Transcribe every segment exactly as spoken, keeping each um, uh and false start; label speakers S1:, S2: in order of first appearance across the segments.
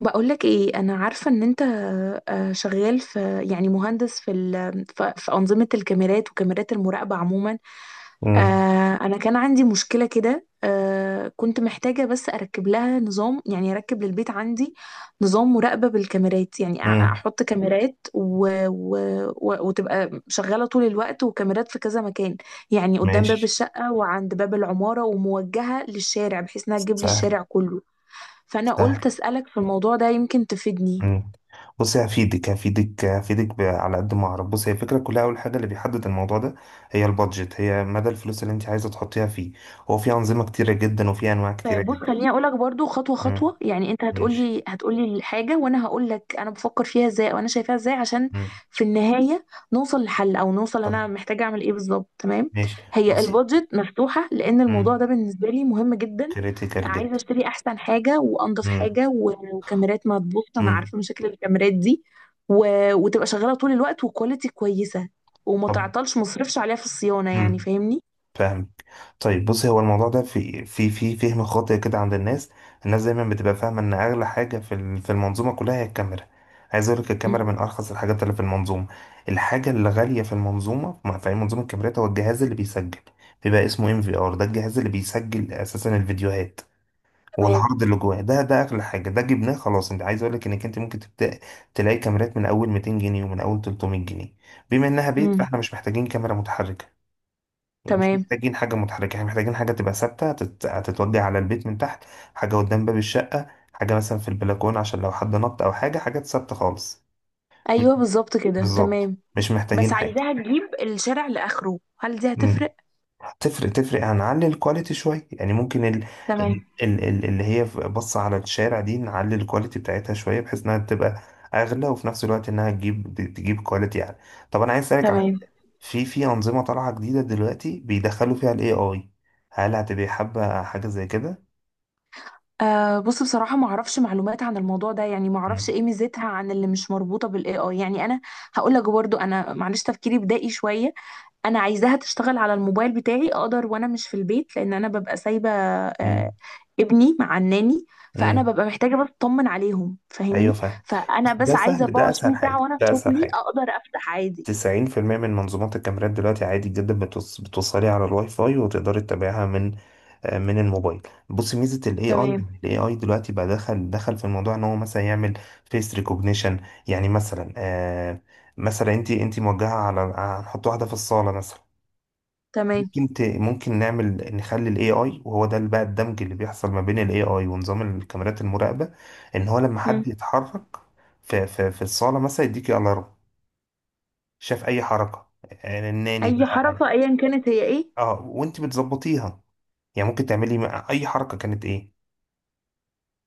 S1: بقولك ايه؟ انا عارفة ان انت آه، شغال في يعني مهندس في ال- في في أنظمة الكاميرات وكاميرات المراقبة عموما.
S2: امم.
S1: آه، انا كان عندي مشكلة كده. آه، كنت محتاجة بس اركب لها نظام، يعني اركب للبيت عندي نظام مراقبة بالكاميرات، يعني أ-
S2: امم.
S1: احط كاميرات و... و... و... وتبقى شغالة طول الوقت، وكاميرات في كذا مكان، يعني قدام باب
S2: ماشي.
S1: الشقة وعند باب العمارة وموجهة للشارع بحيث انها تجيب لي
S2: سهل.
S1: الشارع كله. فانا
S2: سهل.
S1: قلت اسالك في الموضوع ده، يمكن تفيدني.
S2: امم. بص، هفيدك هفيدك هفيدك ب- على قد ما اعرف. بص، هي الفكره كلها، اول حاجه اللي بيحدد الموضوع ده هي البادجت، هي مدى الفلوس اللي انت عايزه تحطيها فيه. هو في انظمه كتيره جدا وفي انواع كتيره
S1: طيب بص،
S2: جدا.
S1: خليني اقولك برضو خطوه
S2: امم.
S1: خطوه، يعني انت
S2: ماشي.
S1: هتقولي هتقولي الحاجه وانا هقولك انا بفكر فيها ازاي وانا شايفاها ازاي، عشان
S2: امم.
S1: في النهايه نوصل لحل، او نوصل انا
S2: طيب.
S1: محتاجه اعمل ايه بالظبط. تمام.
S2: ماشي.
S1: هي
S2: بص.
S1: البادجت مفتوحه لان الموضوع
S2: امم.
S1: ده بالنسبه لي مهم جدا.
S2: كريتيكال
S1: عايزه
S2: جدا.
S1: اشتري احسن حاجه وانضف
S2: امم.
S1: حاجه و- وكاميرات ما تبوظ، انا
S2: امم.
S1: عارفه مشاكل الكاميرات دي. و... وتبقى شغاله طول الوقت، وكواليتي كويسه، وما
S2: طب.
S1: تعطلش مصرفش عليها في الصيانه، يعني
S2: امم.
S1: فاهمني؟
S2: فاهم. طيب بصي، هو الموضوع ده في في في فهم خاطئ كده عند الناس. الناس دايما بتبقى فاهمه ان اغلى حاجه في ال- في المنظومه كلها هي الكاميرا. عايز اقول لك الكاميرا من ارخص الحاجات اللي في المنظومه. الحاجه اللي غاليه في المنظومه، ما- في أي منظومه الكاميرات، هو الجهاز اللي بيسجل. بيبقى اسمه ام في ار، ده الجهاز اللي بيسجل اساسا الفيديوهات،
S1: تمام.
S2: والعرض اللي جواه ده، ده اغلى حاجه. ده جبناه خلاص. انت عايز اقول لك انك انت ممكن تبدا تلاقي كاميرات من اول ميتين جنيه ومن اول تلتمية جنيه. بما انها بيت
S1: امم.
S2: فاحنا مش محتاجين كاميرا متحركه، مش
S1: تمام.
S2: محتاجين حاجة متحركة، احنا محتاجين حاجة تبقى ثابتة هتت- هتتوضي على البيت من تحت. حاجة قدام باب الشقة، حاجة مثلا في البلكونة عشان لو حد نط أو حاجة، حاجات ثابتة خالص. مش،
S1: ايوه بالظبط كده
S2: بالظبط.
S1: تمام.
S2: مش
S1: بس
S2: محتاجين حاجة.
S1: عايزاها تجيب الشارع لاخره، هل دي
S2: مم.
S1: هتفرق؟
S2: تفرق تفرق. هنعلي الكواليتي شوية. يعني ممكن ال...
S1: تمام.
S2: ال... ال... ال- اللي هي بص على الشارع دي، نعلي الكواليتي بتاعتها شوية بحيث انها تبقى اغلى، وفي نفس الوقت انها تجيب تجيب كواليتي يعني. طب انا عايز اسالك على
S1: تمام.
S2: حاجة. في في انظمة طالعة جديدة دلوقتي بيدخلوا فيها الاي اي، هل هتبقى حابة حاجة زي كده؟
S1: آه بص، بصراحه ما اعرفش معلومات عن الموضوع ده، يعني ما اعرفش
S2: مم.
S1: ايه ميزتها عن اللي مش مربوطه بالاي اي، يعني انا هقول لك برضو، انا معلش تفكيري بدائي شويه. انا عايزاها تشتغل على الموبايل بتاعي، اقدر وانا مش في البيت، لان انا ببقى سايبه
S2: مم.
S1: آه ابني مع الناني، فانا
S2: مم.
S1: ببقى محتاجه بس اطمن عليهم،
S2: ايوه،
S1: فاهمني؟
S2: فاهم. بس
S1: فانا بس
S2: ده سهل،
S1: عايزه
S2: ده اسهل
S1: اربعة وعشرين ساعه
S2: حاجة،
S1: وانا في
S2: ده اسهل
S1: شغلي
S2: حاجة.
S1: اقدر افتح عادي.
S2: تسعين في المية من منظومات الكاميرات دلوقتي عادي جدا بتوص... بتوصلي على الواي فاي وتقدري تتابعها من آه، من الموبايل. بص ميزه الاي اي،
S1: تمام.
S2: الاي اي دلوقتي بقى دخل دخل في الموضوع ان هو مثلا يعمل فيس ريكوجنيشن. يعني مثلا آه، مثلا انت انت موجهه على، هنحط واحده في الصاله مثلا،
S1: تمام.
S2: ممكن ت... ممكن نعمل، نخلي الاي اي، وهو ده بقى الدمج اللي بيحصل ما بين الاي اي ونظام الكاميرات المراقبه، ان هو لما
S1: مم.
S2: حد يتحرك في في, في الصاله مثلا يديكي الارم. شاف اي حركه، آه، الناني
S1: اي
S2: بقى.
S1: حركه ايا كانت هي ايه؟
S2: اه، وانت بتظبطيها، يعني ممكن تعملي م- اي حركه كانت ايه.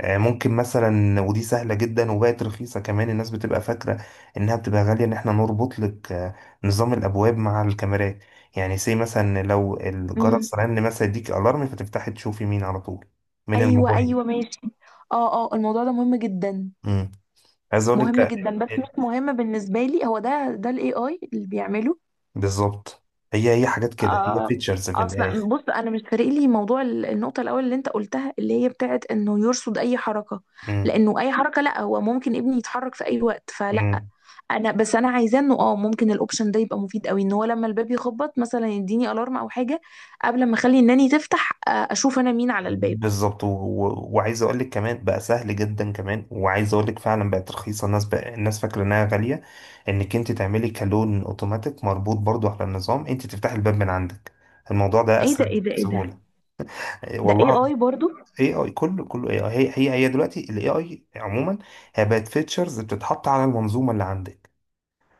S2: آه، ممكن مثلا، ودي سهلة جدا وبقت رخيصة كمان، الناس بتبقى فاكرة انها بتبقى غالية، ان احنا نربط لك آه، نظام الابواب مع الكاميرات. يعني سي مثلا لو
S1: مم.
S2: الجرس رن مثلا يديك الارم فتفتحي تشوفي مين على طول من
S1: ايوه
S2: الموبايل.
S1: ايوه ماشي. اه اه، الموضوع ده مهم جدا،
S2: امم. عايز اقول لك
S1: مهم
S2: آه،
S1: جدا، بس مش مهم بالنسبه لي. هو ده ده الاي اي اللي بيعمله؟
S2: بالظبط، هي هي حاجات كده، هي
S1: آه.
S2: فيتشرز في
S1: اصلا
S2: الاخر.
S1: بص، انا مش فارق لي موضوع ال- النقطه الاول اللي انت قلتها اللي هي بتاعت انه يرصد اي حركه، لانه اي حركه، لا، هو ممكن ابني يتحرك في اي وقت فلا.
S2: امم.
S1: انا بس، انا عايزاه انه اه، ممكن الاوبشن ده يبقى مفيد قوي، ان هو لما الباب يخبط مثلا يديني الارم او حاجه قبل ما اخلي الناني تفتح، آه، اشوف انا مين على الباب.
S2: بالظبط. و... و... وعايز اقول لك كمان بقى سهل جدا كمان، وعايز اقول لك فعلا بقت رخيصه، الناس بقى الناس فاكره انها غاليه، انك انت تعملي كالون اوتوماتيك مربوط برضو على النظام، انت تفتحي الباب من عندك، الموضوع ده
S1: ايه ده؟
S2: اسهل
S1: ايه ده؟ ايه ده؟
S2: بسهوله. إيه
S1: ده اي
S2: والله.
S1: اي برضو؟
S2: اي اي، كله كله اي اي. هي هي هي دلوقتي الاي اي عموما هي بقت فيتشرز بتتحط على المنظومه اللي عندك.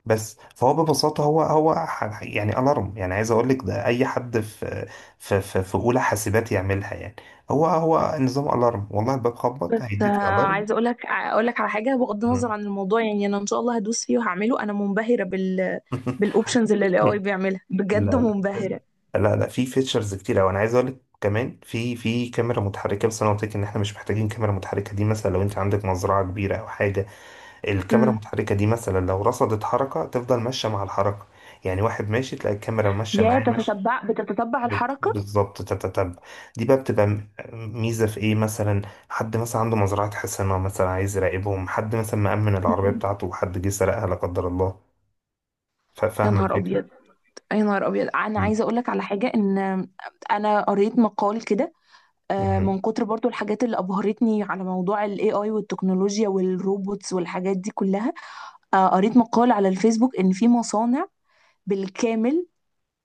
S2: بس فهو ببساطة هو هو ح- يعني ألارم. يعني عايز أقول لك ده أي حد في في في, في أولى حاسبات يعملها يعني. هو هو نظام ألارم، والله الباب خبط
S1: بس آه،
S2: هيديك ألارم.
S1: عايزه اقول لك اقول لك على حاجه بغض النظر
S2: مم.
S1: عن الموضوع، يعني انا ان شاء الله هدوس فيه وهعمله. انا منبهره بال بالاوبشنز اللي الاي اي بيعملها، بجد
S2: لا لا،
S1: منبهره.
S2: لا لا في فيتشرز كتير أوي. أنا عايز أقول لك كمان، في في كاميرا متحركة، بس أنا قلت لك إن إحنا مش محتاجين كاميرا متحركة. دي مثلا لو أنت عندك مزرعة كبيرة أو حاجة، الكاميرا
S1: امم.
S2: المتحركة دي مثلا لو رصدت حركة تفضل ماشية مع الحركة. يعني واحد ماشي تلاقي الكاميرا ماشية
S1: يا
S2: معاه ماشية.
S1: تتتبع، بتتتبع
S2: بت-
S1: الحركه.
S2: بالظبط، تتتبع. دي بقى بتبقى م- ميزة في ايه مثلا؟ حد مثلا عنده مزرعة حصانة مثلا، عايز يراقبهم. حد مثلا مأمن العربية بتاعته وحد جه سرقها لا قدر الله. ف-
S1: يا
S2: فاهم
S1: نهار
S2: الفكرة.
S1: ابيض! يا نهار ابيض، انا
S2: مم.
S1: عايزه اقول لك على حاجه. ان انا قريت مقال كده، آه،
S2: مم.
S1: من كتر برضو الحاجات اللي أبهرتني على موضوع ال A I والتكنولوجيا والروبوتس والحاجات دي كلها. آه، قريت مقال على الفيسبوك إن في مصانع بالكامل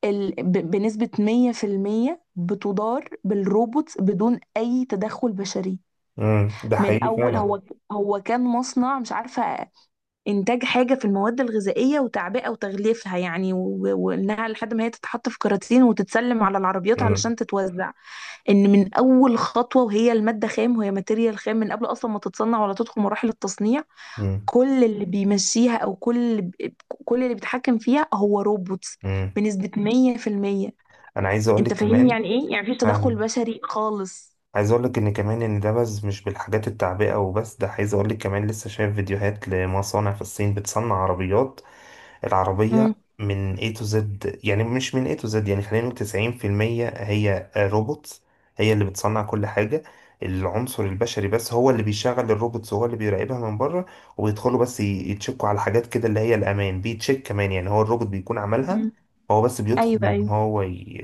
S1: ال... ب... بنسبة مية في المية بتدار بالروبوتس بدون أي تدخل بشري.
S2: مم. ده
S1: من
S2: حقيقي
S1: أول
S2: فعلا.
S1: هو، هو كان مصنع مش عارفة، انتاج حاجه في المواد الغذائيه وتعبئه وتغليفها، يعني و- وانها لحد ما هي تتحط في كراتين وتتسلم على العربيات
S2: مم.
S1: علشان تتوزع. ان من اول خطوه وهي الماده خام، وهي ماتيريال خام من قبل اصلا ما تتصنع ولا تدخل مراحل التصنيع،
S2: مم.
S1: كل اللي بيمشيها، او كل اللي ب- كل اللي بيتحكم فيها هو روبوتس،
S2: مم.
S1: بنسبه مية في المية.
S2: انا عايز اقول
S1: انت
S2: لك
S1: فاهمني
S2: كمان.
S1: يعني ايه؟ يعني مفيش تدخل
S2: فاهم.
S1: بشري خالص.
S2: عايز اقول لك ان كمان، ان ده بس مش بالحاجات التعبئة وبس، ده عايز اقول لك كمان لسه شايف فيديوهات لمصانع في الصين بتصنع عربيات. العربية
S1: امم.
S2: من A to Z، يعني مش من A to Z، يعني خلينا نقول تسعين في المية هي روبوتس، هي اللي بتصنع كل حاجة. العنصر البشري بس هو اللي بيشغل الروبوتس وهو اللي بيراقبها من بره، وبيدخلوا بس ي- يتشكوا على حاجات كده اللي هي الأمان، بيتشيك كمان يعني هو الروبوت بيكون عملها، هو بس
S1: ايوه
S2: بيدخل إن
S1: ايوه.
S2: هو ي...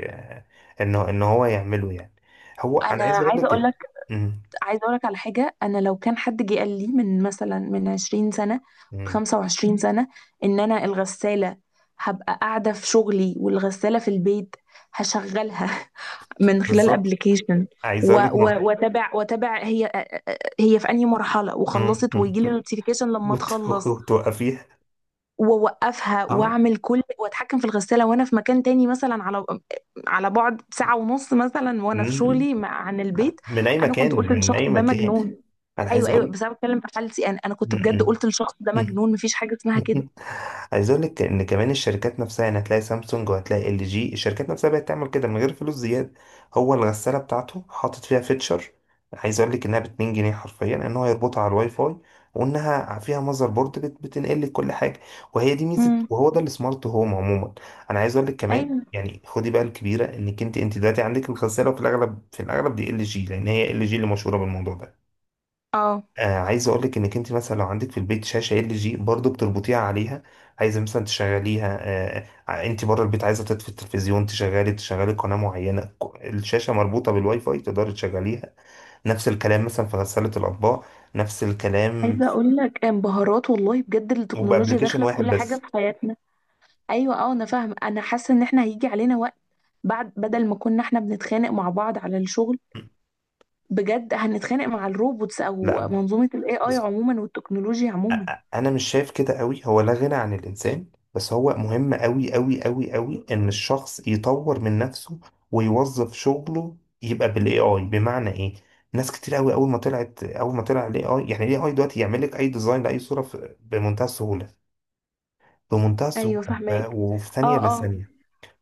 S2: إن إن هو يعمله يعني. هو أنا
S1: انا
S2: عايز أقول
S1: عايزه اقول
S2: لك.
S1: لك،
S2: مم.
S1: عايزه اقول لك على حاجه. انا لو كان حد جه قال لي من مثلا من عشرين سنه،
S2: مم.
S1: خمسة وعشرين سنه، ان انا الغساله هبقى قاعده في شغلي والغساله في البيت هشغلها من خلال
S2: بالظبط.
S1: ابلكيشن،
S2: عايز أقول لك م...
S1: واتابع، واتابع هي، هي في انهي مرحله
S2: مم.
S1: وخلصت،
S2: مم.
S1: ويجي لي نوتيفيكيشن لما
S2: وت-
S1: تخلص،
S2: وتوقفيها.
S1: واوقفها، واعمل كل، واتحكم في الغساله وانا في مكان تاني، مثلا على على بعد ساعه ونص مثلا، وانا في
S2: اه.
S1: شغلي مع... عن البيت.
S2: من اي
S1: انا كنت
S2: مكان،
S1: قلت
S2: من
S1: للشخص
S2: اي
S1: ده
S2: مكان.
S1: مجنون.
S2: انا عايز
S1: ايوه ايوه،
S2: اقول.
S1: بس انا بتكلم في حالتي انا، انا كنت بجد
S2: م-
S1: قلت للشخص ده
S2: م-
S1: مجنون، مفيش حاجه اسمها كده.
S2: عايز اقول لك ان كمان الشركات نفسها، يعني هتلاقي سامسونج وهتلاقي ال جي، الشركات نفسها بقت تعمل كده من غير فلوس زياده. هو الغساله بتاعته حاطط فيها فيتشر، عايز اقول لك انها ب اتنين جنيه حرفيا، ان هو يربطها على الواي فاي، وانها فيها ماذر بورد بت- بتنقل لك كل حاجه، وهي دي ميزه،
S1: امم.
S2: وهو ده السمارت هوم عموما. انا عايز اقول لك كمان،
S1: ايوه
S2: يعني خدي بقى الكبيره، انك انت انت دلوقتي عندك الغساله في الاغلب، في الاغلب دي ال جي، لان هي ال جي اللي مشهوره بالموضوع ده.
S1: اه.
S2: آه، عايز اقولك انك انت مثلا لو عندك في البيت شاشه ال جي برضه بتربطيها عليها، عايزه مثلا تشغليها آه، آه، انت بره البيت عايزه تطفي التلفزيون، تشغلي تشغلي قناه معينه، ك- الشاشه مربوطه بالواي فاي تقدري تشغليها. نفس الكلام مثلا في غساله الاطباق، نفس الكلام،
S1: عايزه اقول لك، انبهارات والله بجد، التكنولوجيا
S2: وبابلكيشن
S1: داخله في
S2: واحد
S1: كل حاجه
S2: بس.
S1: في حياتنا. ايوه اه، انا فاهمه، انا حاسه ان احنا هيجي علينا وقت بعد، بدل ما كنا احنا بنتخانق مع بعض على الشغل، بجد هنتخانق مع الروبوتس او
S2: لا،
S1: منظومه الاي اي عموما والتكنولوجيا عموما.
S2: انا مش شايف كده قوي، هو لا غنى عن الانسان. بس هو مهم قوي قوي قوي قوي ان الشخص يطور من نفسه ويوظف شغله، يبقى بالاي اي. بمعنى ايه؟ ناس كتير قوي اول ما طلعت، اول ما طلع الاي اي، يعني الاي اي دلوقتي يعمل لك اي ديزاين لاي صوره في- بمنتهى السهوله، بمنتهى السهوله.
S1: ايوه
S2: ف-
S1: فاهماك.
S2: وفي ثانيه
S1: اه اه.
S2: لثانيه،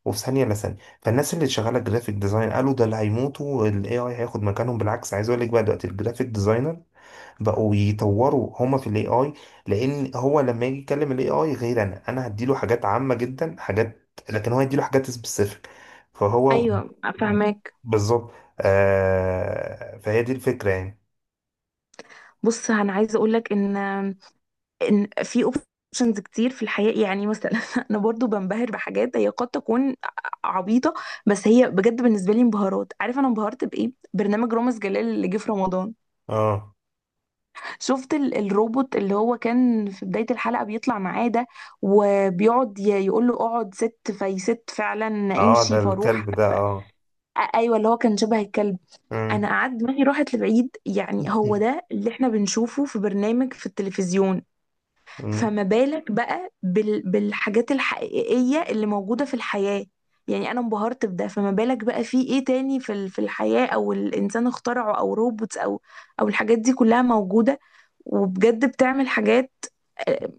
S2: وفي ثانيه لثانيه فالناس اللي شغاله جرافيك ديزاين قالوا ده اللي هيموتوا، الاي اي هياخد مكانهم. بالعكس عايز اقول لك، بقى دلوقتي الجرافيك ديزاينر بقوا يطوروا هما في الاي اي، لان هو لما يجي يكلم الاي اي غير، انا انا هديله حاجات عامة جدا، حاجات، لكن هو هيديله حاجات سبيسيفيك، فهو
S1: ايوه فاهماك.
S2: بالظبط. آه، فهي دي الفكرة يعني.
S1: بص انا عايزه اقول لك ان، ان في اوبشنز كتير في الحياه، يعني مثلا انا برضو بنبهر بحاجات هي قد تكون عبيطه، بس هي بجد بالنسبه لي انبهارات. عارف انا انبهرت بايه؟ برنامج رامز جلال اللي جه في رمضان،
S2: اه،
S1: شفت ال- الروبوت اللي هو كان في بداية الحلقة بيطلع معاه ده، وبيقعد ي- يقول له اقعد، ست، فيست، فعلا
S2: اه، ده
S1: امشي فاروح،
S2: الكلب، ده، اه.
S1: أ- ايوه اللي هو كان شبه الكلب،
S2: مم.
S1: انا قعدت دماغي راحت لبعيد. يعني هو ده اللي احنا بنشوفه في برنامج في التلفزيون،
S2: مم.
S1: فما بالك بقى بال... بالحاجات الحقيقية اللي موجودة في الحياة؟ يعني أنا انبهرت بده، فما بالك بقى في إيه تاني في ال... في الحياة، أو الإنسان اخترعه، أو روبوتس، أو أو الحاجات دي كلها موجودة، وبجد بتعمل حاجات آه،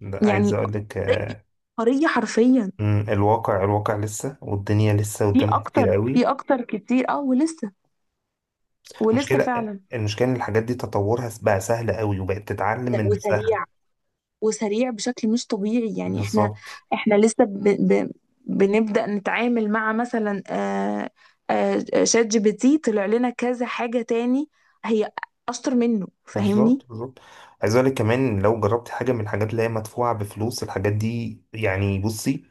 S2: ده عايز
S1: يعني
S2: اقول لك
S1: قرية،
S2: آه.
S1: قرية حرفيا.
S2: مم، الواقع، الواقع لسه، والدنيا لسه
S1: في
S2: قدامها كتير
S1: أكتر،
S2: قوي.
S1: في أكتر كتير، أه ولسه، ولسه
S2: مشكلة
S1: فعلا.
S2: المشكلة ان الحاجات دي تطورها بقى سهل قوي، وبقت تتعلم من نفسها.
S1: وسريع، وسريع بشكل مش طبيعي. يعني احنا،
S2: بالظبط
S1: احنا لسه ب... ب... بنبدأ نتعامل مع مثلا آه، آه، شات جي بي تي طلع لنا كذا حاجة تاني هي أشطر منه، فاهمني؟
S2: بالظبط بالظبط عايز اقول لك كمان، لو جربت حاجه من الحاجات اللي هي مدفوعه بفلوس، الحاجات دي يعني بصي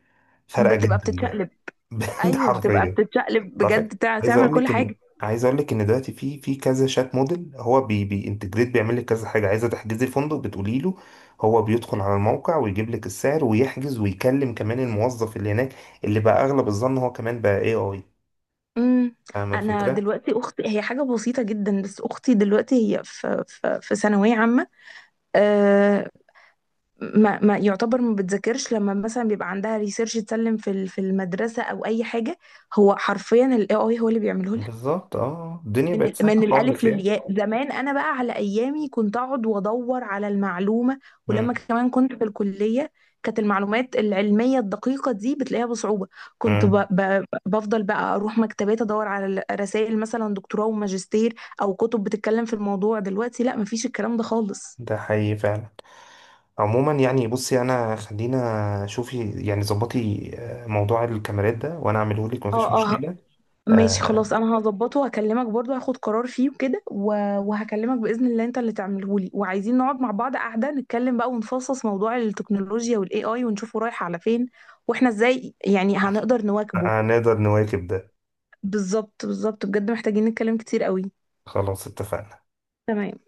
S2: فارقه
S1: بتبقى
S2: جدا بقى.
S1: بتتشقلب.
S2: بجد
S1: ايوه بتبقى
S2: حرفيا.
S1: بتتشقلب
S2: ده عارفة؟
S1: بجد، تع-
S2: عايز
S1: تعمل
S2: اقول
S1: كل
S2: لك
S1: حاجة.
S2: ان عايز اقول لك ان دلوقتي في في كذا شات موديل، هو بي بينتجريت بيعمل لك كذا حاجه. عايزه تحجزي فندق، بتقولي له، هو بيدخل على الموقع ويجيب لك السعر ويحجز ويكلم كمان الموظف اللي هناك، اللي بقى اغلب الظن هو كمان بقى اي اي.
S1: امم.
S2: فاهمه
S1: انا
S2: الفكره.
S1: دلوقتي اختي، هي حاجه بسيطه جدا، بس اختي دلوقتي هي في في في ثانويه عامه، آه، ما, ما يعتبر ما بتذاكرش، لما مثلا بيبقى عندها ريسيرش تسلم في ال- في المدرسه او اي حاجه، هو حرفيا الاي اي هو اللي بيعمله لها.
S2: بالظبط، اه، الدنيا
S1: من
S2: بقت
S1: ال-
S2: سهله
S1: من الالف
S2: خالص يعني.
S1: للياء. زمان انا بقى على ايامي كنت اقعد وادور على المعلومه، ولما
S2: امم.
S1: كمان كنت في الكليه، كانت المعلومات العلميه الدقيقه دي بتلاقيها بصعوبه، كنت ب...
S2: امم.
S1: ب... بفضل بقى اروح مكتبات ادور على رسائل مثلا دكتوراه وماجستير، او كتب بتتكلم في الموضوع. دلوقتي لا، مفيش الكلام ده خالص.
S2: ده حقيقي فعلا. عموما يعني بصي، انا خلينا، شوفي يعني ظبطي آه، موضوع الكاميرات ده، وانا اعمله لك مفيش
S1: اه اه
S2: مشكلة.
S1: ماشي، خلاص
S2: آه،
S1: انا هظبطه وهكلمك برضه، هاخد قرار فيه وكده و- وهكلمك باذن الله انت اللي تعمله لي. وعايزين نقعد مع بعض قاعده نتكلم بقى ونفصص موضوع التكنولوجيا والاي اي ونشوفه رايح على فين، واحنا ازاي يعني هنقدر نواكبه.
S2: هنقدر نواكب ده.
S1: بالظبط بالظبط، بجد محتاجين نتكلم كتير قوي.
S2: خلاص، اتفقنا.
S1: تمام.